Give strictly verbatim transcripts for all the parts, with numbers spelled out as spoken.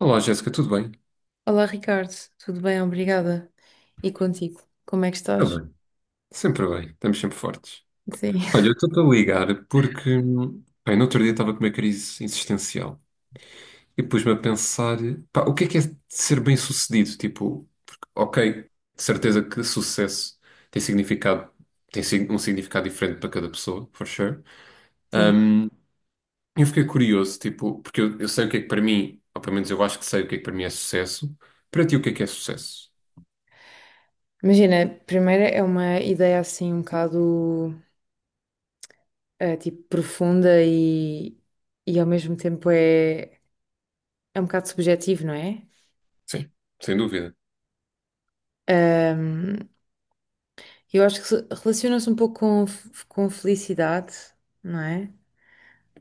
Olá, Jéssica, tudo bem? Olá Ricardo, tudo bem? Obrigada. E contigo, como é que Está estás? bem, sempre bem, estamos sempre fortes. Sim. Olha, eu estou-te a ligar porque, hum, bem, no outro dia estava com uma crise existencial e pus-me a pensar, pá, o que é que é ser bem-sucedido? Tipo, porque, ok, de certeza que sucesso tem significado, tem sig- um significado diferente para cada pessoa, for sure. Sim. Hum, eu fiquei curioso, tipo, porque eu, eu sei o que é que para mim, ou pelo menos eu acho que sei o que é que para mim é sucesso, para ti o que é que é sucesso? Imagina, primeiro é uma ideia assim um bocado eh, tipo profunda e, e ao mesmo tempo é, é um bocado subjetivo, não é? Sim, sem dúvida. Ahm, Eu acho que se- relaciona-se um pouco com, f- com felicidade, não é?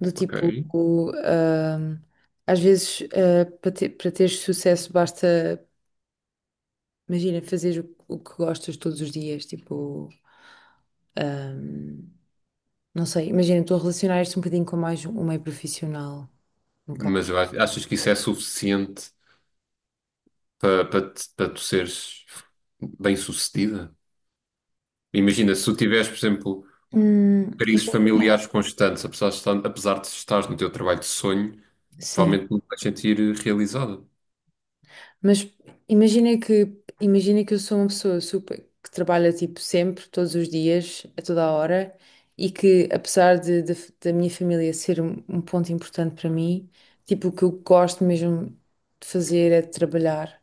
Do Ok. tipo, o, ahm, às vezes, ah, para ter, para teres sucesso, basta, imagina, fazer o, o que gostas todos os dias. Tipo, ahm, não sei, imagina, estou a relacionar isto um bocadinho com mais um meio profissional, no Mas caso. vai- achas que isso é suficiente para para te- para tu seres bem-sucedida? Imagina, se tu tiveres, por exemplo, Hum, e- crises familiares constantes, apesar de estar- apesar de estares no teu trabalho de sonho, sim. provavelmente não te vais sentir eh, realizada. Mas imagina que, imagina que eu sou uma pessoa super, que trabalha tipo sempre, todos os dias, a toda a hora, e que apesar de, de- da minha família ser um, um ponto importante para mim, tipo, o que eu gosto mesmo de fazer é de trabalhar.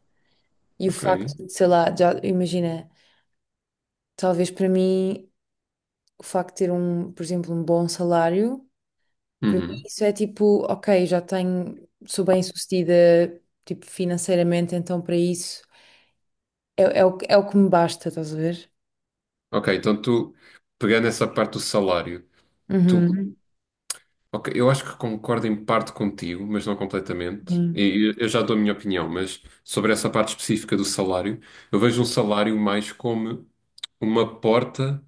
E o Ok. facto de, sei lá, já imagina, talvez para mim, o facto de ter um, por exemplo, um bom salário, para mim Uhum. isso é tipo, ok, já tenho, sou bem-sucedida, tipo, financeiramente, então para isso. É, é o, é o que me basta, estás a ver? Ok, então tu, pegando essa parte do salário, tu, Uhum. ok, eu acho que concordo em parte contigo, mas não completamente. Sim. E eu eu já dou a minha opinião, mas sobre essa parte específica do salário, eu vejo um salário mais como uma porta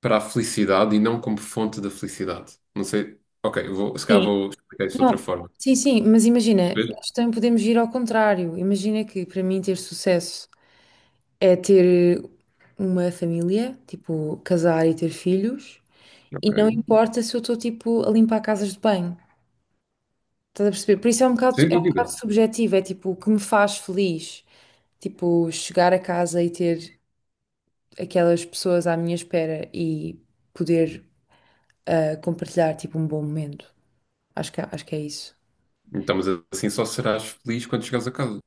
para a felicidade e não como fonte da felicidade. Não sei. Ok, eu vou, se calhar Sim, vou explicar isso de outra não. forma. Sim, sim, mas imagina, Percebes? nós também podemos ir ao contrário. Imagina que para mim ter sucesso é ter uma família, tipo, casar e ter filhos, e Ok. não importa se eu estou tipo a limpar casas de banho. Estás a perceber? Por isso é um bocado, Sem é um dúvida. bocado subjetivo, é tipo o que me faz feliz. Tipo, chegar a casa e ter aquelas pessoas à minha espera e poder ah, compartilhar tipo um bom momento. Acho que, é, acho que é isso. Então, mas assim só serás feliz quando chegares a casa.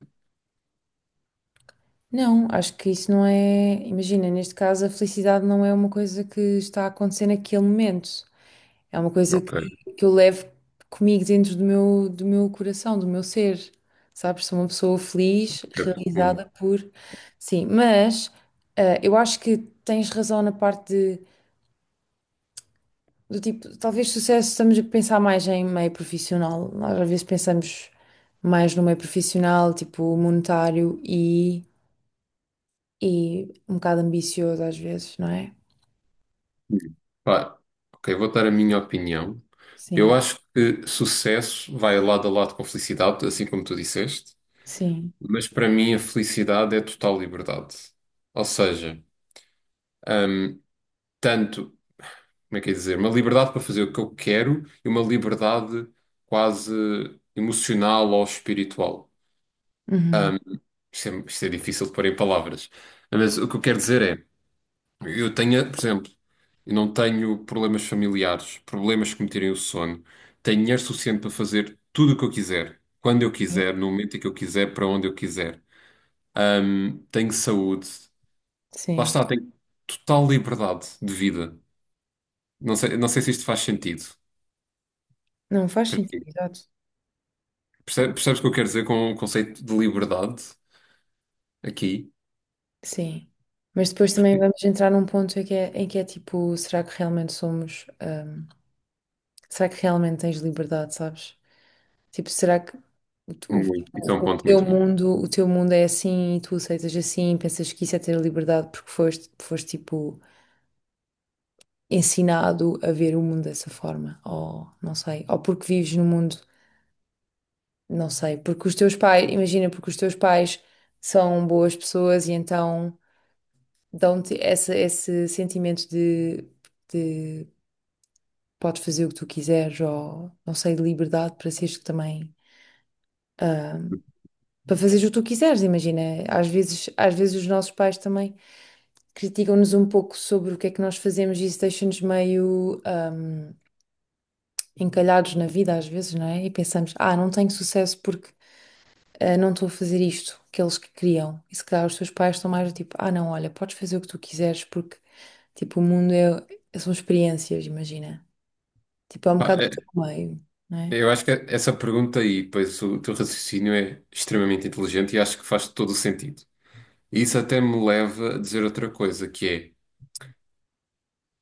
Não, acho que isso não é. Imagina, neste caso, a felicidade não é uma coisa que está a acontecer naquele momento. É uma coisa que, Ok. que eu levo comigo dentro do meu, do meu coração, do meu ser. Sabes? Sou uma pessoa feliz, É realizada profundo. por. Sim, mas ah, eu acho que tens razão na parte de, do tipo, talvez sucesso, estamos a pensar mais em meio profissional. Nós às vezes pensamos mais no meio profissional, tipo monetário e. e um bocado ambicioso às vezes, não é? Pá, ok, vou dar a minha opinião. Sim, Eu acho que sucesso vai lado a lado com felicidade, assim como tu disseste, sim. mas para mim a felicidade é total liberdade. Ou seja, tanto como é que é dizer? Uma liberdade para fazer o que eu quero e uma liberdade quase emocional ou espiritual. Uhum. Isto é, isto é difícil de pôr em palavras. Mas o que eu quero dizer é, eu tenho, por exemplo, eu não tenho problemas familiares, problemas que me tirem o sono. Tenho dinheiro suficiente para fazer tudo o que eu quiser, quando eu quiser, no momento em que eu quiser, para onde eu quiser. Ahm, tenho saúde. Lá Sim. está, tenho total liberdade de vida. Não sei, não sei se isto faz sentido. Não faz sentido, exato. Perce- Percebes o que eu quero dizer com o conceito de liberdade aqui? Sim. Mas depois também vamos entrar num ponto em que é, em que é tipo, será que realmente somos, hum, será que realmente tens liberdade, sabes? Tipo, será que o, tu- Muito. Isso é um o- o ponto teu muito bom. mundo, o teu mundo é assim e tu aceitas assim, pensas que isso é ter liberdade porque foste, foste tipo ensinado a ver o mundo dessa forma, ou não sei, ou porque vives num mundo. Não sei, porque os teus pais, imagina, porque os teus pais são boas pessoas e então dão-te esse, esse sentimento de, de podes fazer o que tu quiseres ou, não sei, de liberdade para seres também, ah, para fazeres o que tu quiseres, imagina. Às vezes, às vezes os nossos pais também criticam-nos um pouco sobre o que é que nós fazemos e isso deixa-nos meio, ah, encalhados na vida às vezes, não é? E pensamos, ah, não tenho sucesso porque ah, não estou a fazer isto que eles que queriam. E se calhar os teus pais estão mais do tipo, ah, não, olha, podes fazer o que tu quiseres porque, tipo, o mundo é, são experiências, imagina. Tipo, é um Pá, bocado do teu é- meio, não é? Eu acho que essa pergunta e depois o teu raciocínio é extremamente inteligente e acho que faz todo o sentido. E isso até me leva a dizer outra coisa, que é,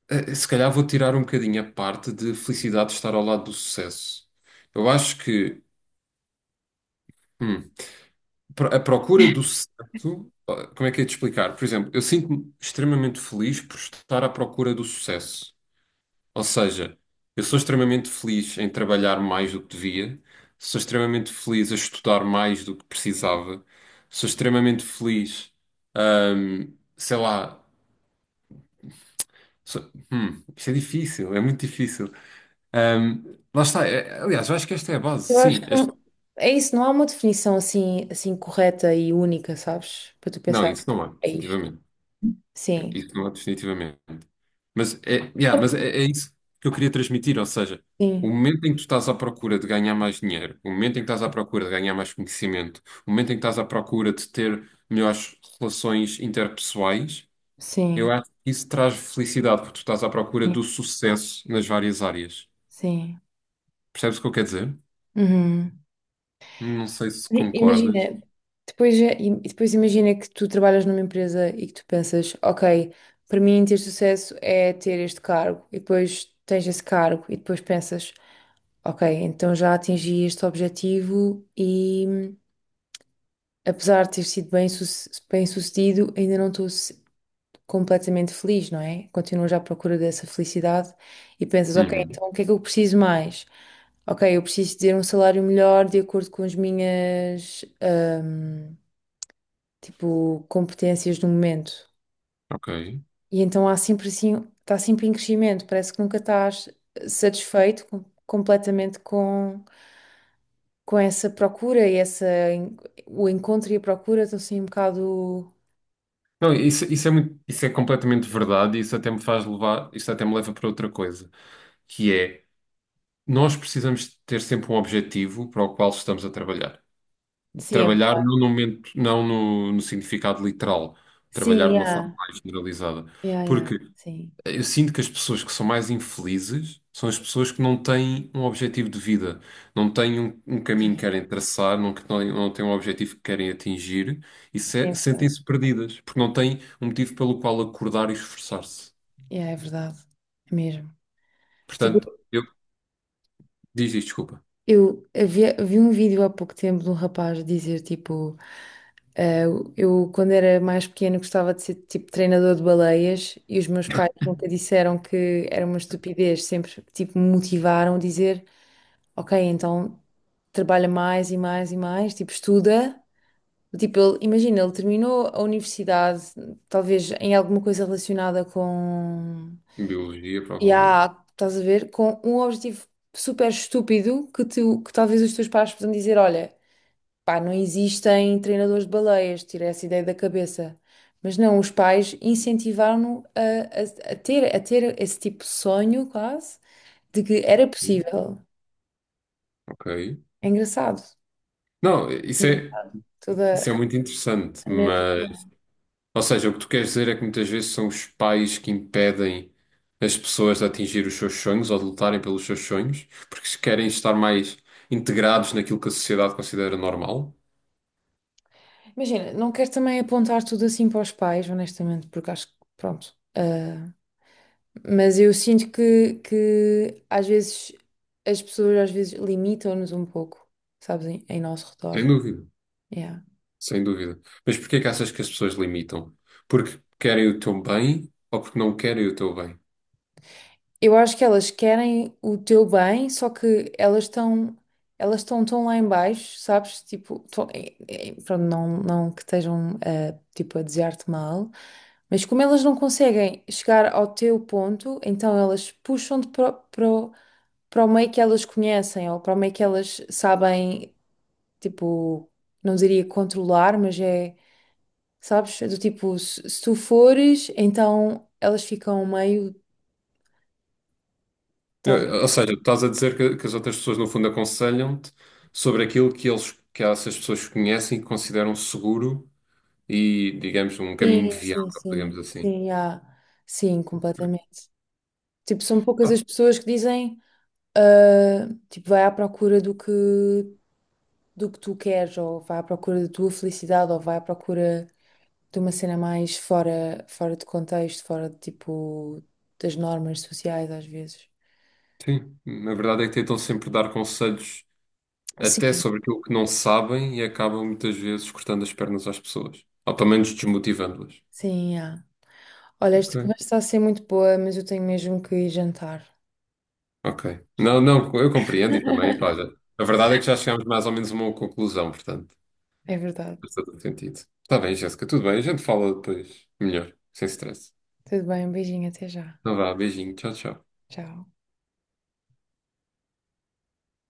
eh, se calhar vou tirar um bocadinho a parte de felicidade de estar ao lado do sucesso. Eu acho que hum, pro- a procura do sucesso, ah, como é que é de explicar? Por exemplo, eu sinto-me extremamente feliz por estar à procura do sucesso. Ou seja, eu sou extremamente feliz em trabalhar mais do que devia, sou extremamente feliz a estudar mais do que precisava, sou extremamente feliz, ahm, sei lá, sou- hum, isto é difícil, é muito difícil. Ahm, lá está, é- aliás, eu acho que esta é a base, Eu acho sim. que este- não- é isso, não há uma definição assim, assim correta e única, sabes? Para tu Não, pensar, isso não é, é isto. definitivamente. Sim, Isso não é, definitivamente. Mas é, yeah, mas é, é isso que eu queria transmitir, ou seja, o sim, momento em que tu estás à procura de ganhar mais dinheiro, o momento em que estás à procura de ganhar mais conhecimento, o momento em que estás à procura de ter melhores relações interpessoais, eu sim, acho que isso traz felicidade, porque tu estás à procura sim, do sucesso nas várias áreas. sim. Percebes o que eu quero dizer? Uhum. Não sei se I- concordas. Imagina, depois, é- e depois imagina que tu trabalhas numa empresa e que tu pensas, ok, para mim ter sucesso é ter este cargo, e depois tens esse cargo, e depois pensas, ok, então já atingi este objetivo e apesar de ter sido bem, suce- bem sucedido, ainda não estou se- completamente feliz, não é? Continuas à procura dessa felicidade e pensas, ok, Uhum, então o que é que eu preciso mais? Ok, eu preciso ter um salário melhor de acordo com as minhas. hum, tipo, competências do momento. ok. E então há sempre assim, está sempre em crescimento, parece que nunca estás satisfeito com- completamente com, com essa procura e essa, en- o encontro e a procura estão assim um bocado. Não, isso, isso é muito, isso é completamente verdade, e isso até me faz levar, isso até me leva para outra coisa, que é, nós precisamos ter sempre um objetivo para o qual estamos a trabalhar. Sim, Trabalhar é- não no momento, não no, no significado literal, trabalhar sim, de uma forma yeah, mais generalizada. yeah, yeah, Porque sim, eu sinto que as pessoas que são mais infelizes são as pessoas que não têm um objetivo de vida, não têm um, um sim, caminho que querem traçar, não, que não, não têm um objetivo que querem atingir e se- sim, sentem-se perdidas, porque não têm um motivo pelo qual acordar e esforçar-se. yeah, é verdade, é mesmo. Tipo, Portanto, eu diz isto, desculpa. eu havia, vi um vídeo há pouco tempo de um rapaz dizer, tipo. Ah, eu, quando era mais pequena, gostava de ser tipo treinador de baleias e os meus pais nunca disseram que era uma estupidez, sempre tipo me motivaram a dizer: Ok, então trabalha mais e mais e mais, tipo estuda. Tipo, ele, imagina, ele terminou a universidade, talvez em alguma coisa relacionada com. Biologia, E provavelmente. há, estás a ver, com um objetivo super estúpido que, tu, que talvez os teus pais possam dizer: Olha. Pá, não existem treinadores de baleias, tirei essa ideia da cabeça. Mas não, os pais incentivaram-no a, a- a ter, a ter esse tipo de sonho, quase, de que era Sim. possível. Ok. É engraçado. Não, isso é, Engraçado. isso é Toda muito interessante, a mente. mas, ou seja, o que tu queres dizer é que muitas vezes são os pais que impedem as pessoas de atingir os seus sonhos ou de lutarem pelos seus sonhos, porque se querem estar mais integrados naquilo que a sociedade considera normal? Imagina, não quero também apontar tudo assim para os pais, honestamente, porque acho que, pronto. ah, mas eu sinto que, que às vezes as pessoas às vezes limitam-nos um pouco, sabes, em, em nosso Sem redor. dúvida, Yeah. sem dúvida. Mas porquê que achas que as pessoas limitam? Porque querem o teu bem ou porque não querem o teu bem? Eu acho que elas querem o teu bem, só que elas estão elas estão tão lá em baixo, sabes? Tipo, tão- eh, eh, pronto, não, não que estejam eh, tipo, a desejar-te mal, mas como elas não conseguem chegar ao teu ponto, então elas puxam-te para, o- para, o- para o meio que elas conhecem ou para o meio que elas sabem, tipo, não diria controlar, mas é, sabes? É do tipo, se, se tu fores, então elas ficam meio. Eu- Ou seja, tu estás a dizer que, que as outras pessoas, no fundo, aconselham-te sobre aquilo que eles, que essas pessoas conhecem e que consideram seguro e, digamos, um caminho Sim, sim, viável, digamos sim, assim. sim, há, sim, completamente. Tipo, são poucas as Ah, pessoas que dizem, ah, tipo, vai à procura do que, do que, tu queres, ou vai à procura da tua felicidade, ou vai à procura de uma cena mais fora, fora de contexto, fora de, tipo, das normas sociais, às vezes. sim, na verdade é que tentam sempre dar conselhos até Sim, sobre aquilo que não sabem e acabam muitas vezes cortando as pernas às pessoas, ou pelo menos desmotivando-as. sim, há. Olha, Ok. esta conversa está a ser muito boa, mas eu tenho mesmo que ir jantar. Ok. Não, não, eu compreendo e também, pá, já- a verdade é que já chegámos mais ou menos a uma conclusão, portanto, É verdade. faz todo sentido. Está bem, Jéssica, tudo bem, a gente fala depois melhor, sem stress. Tudo bem, um beijinho, até já. Então vá, beijinho, tchau, tchau. Tchau.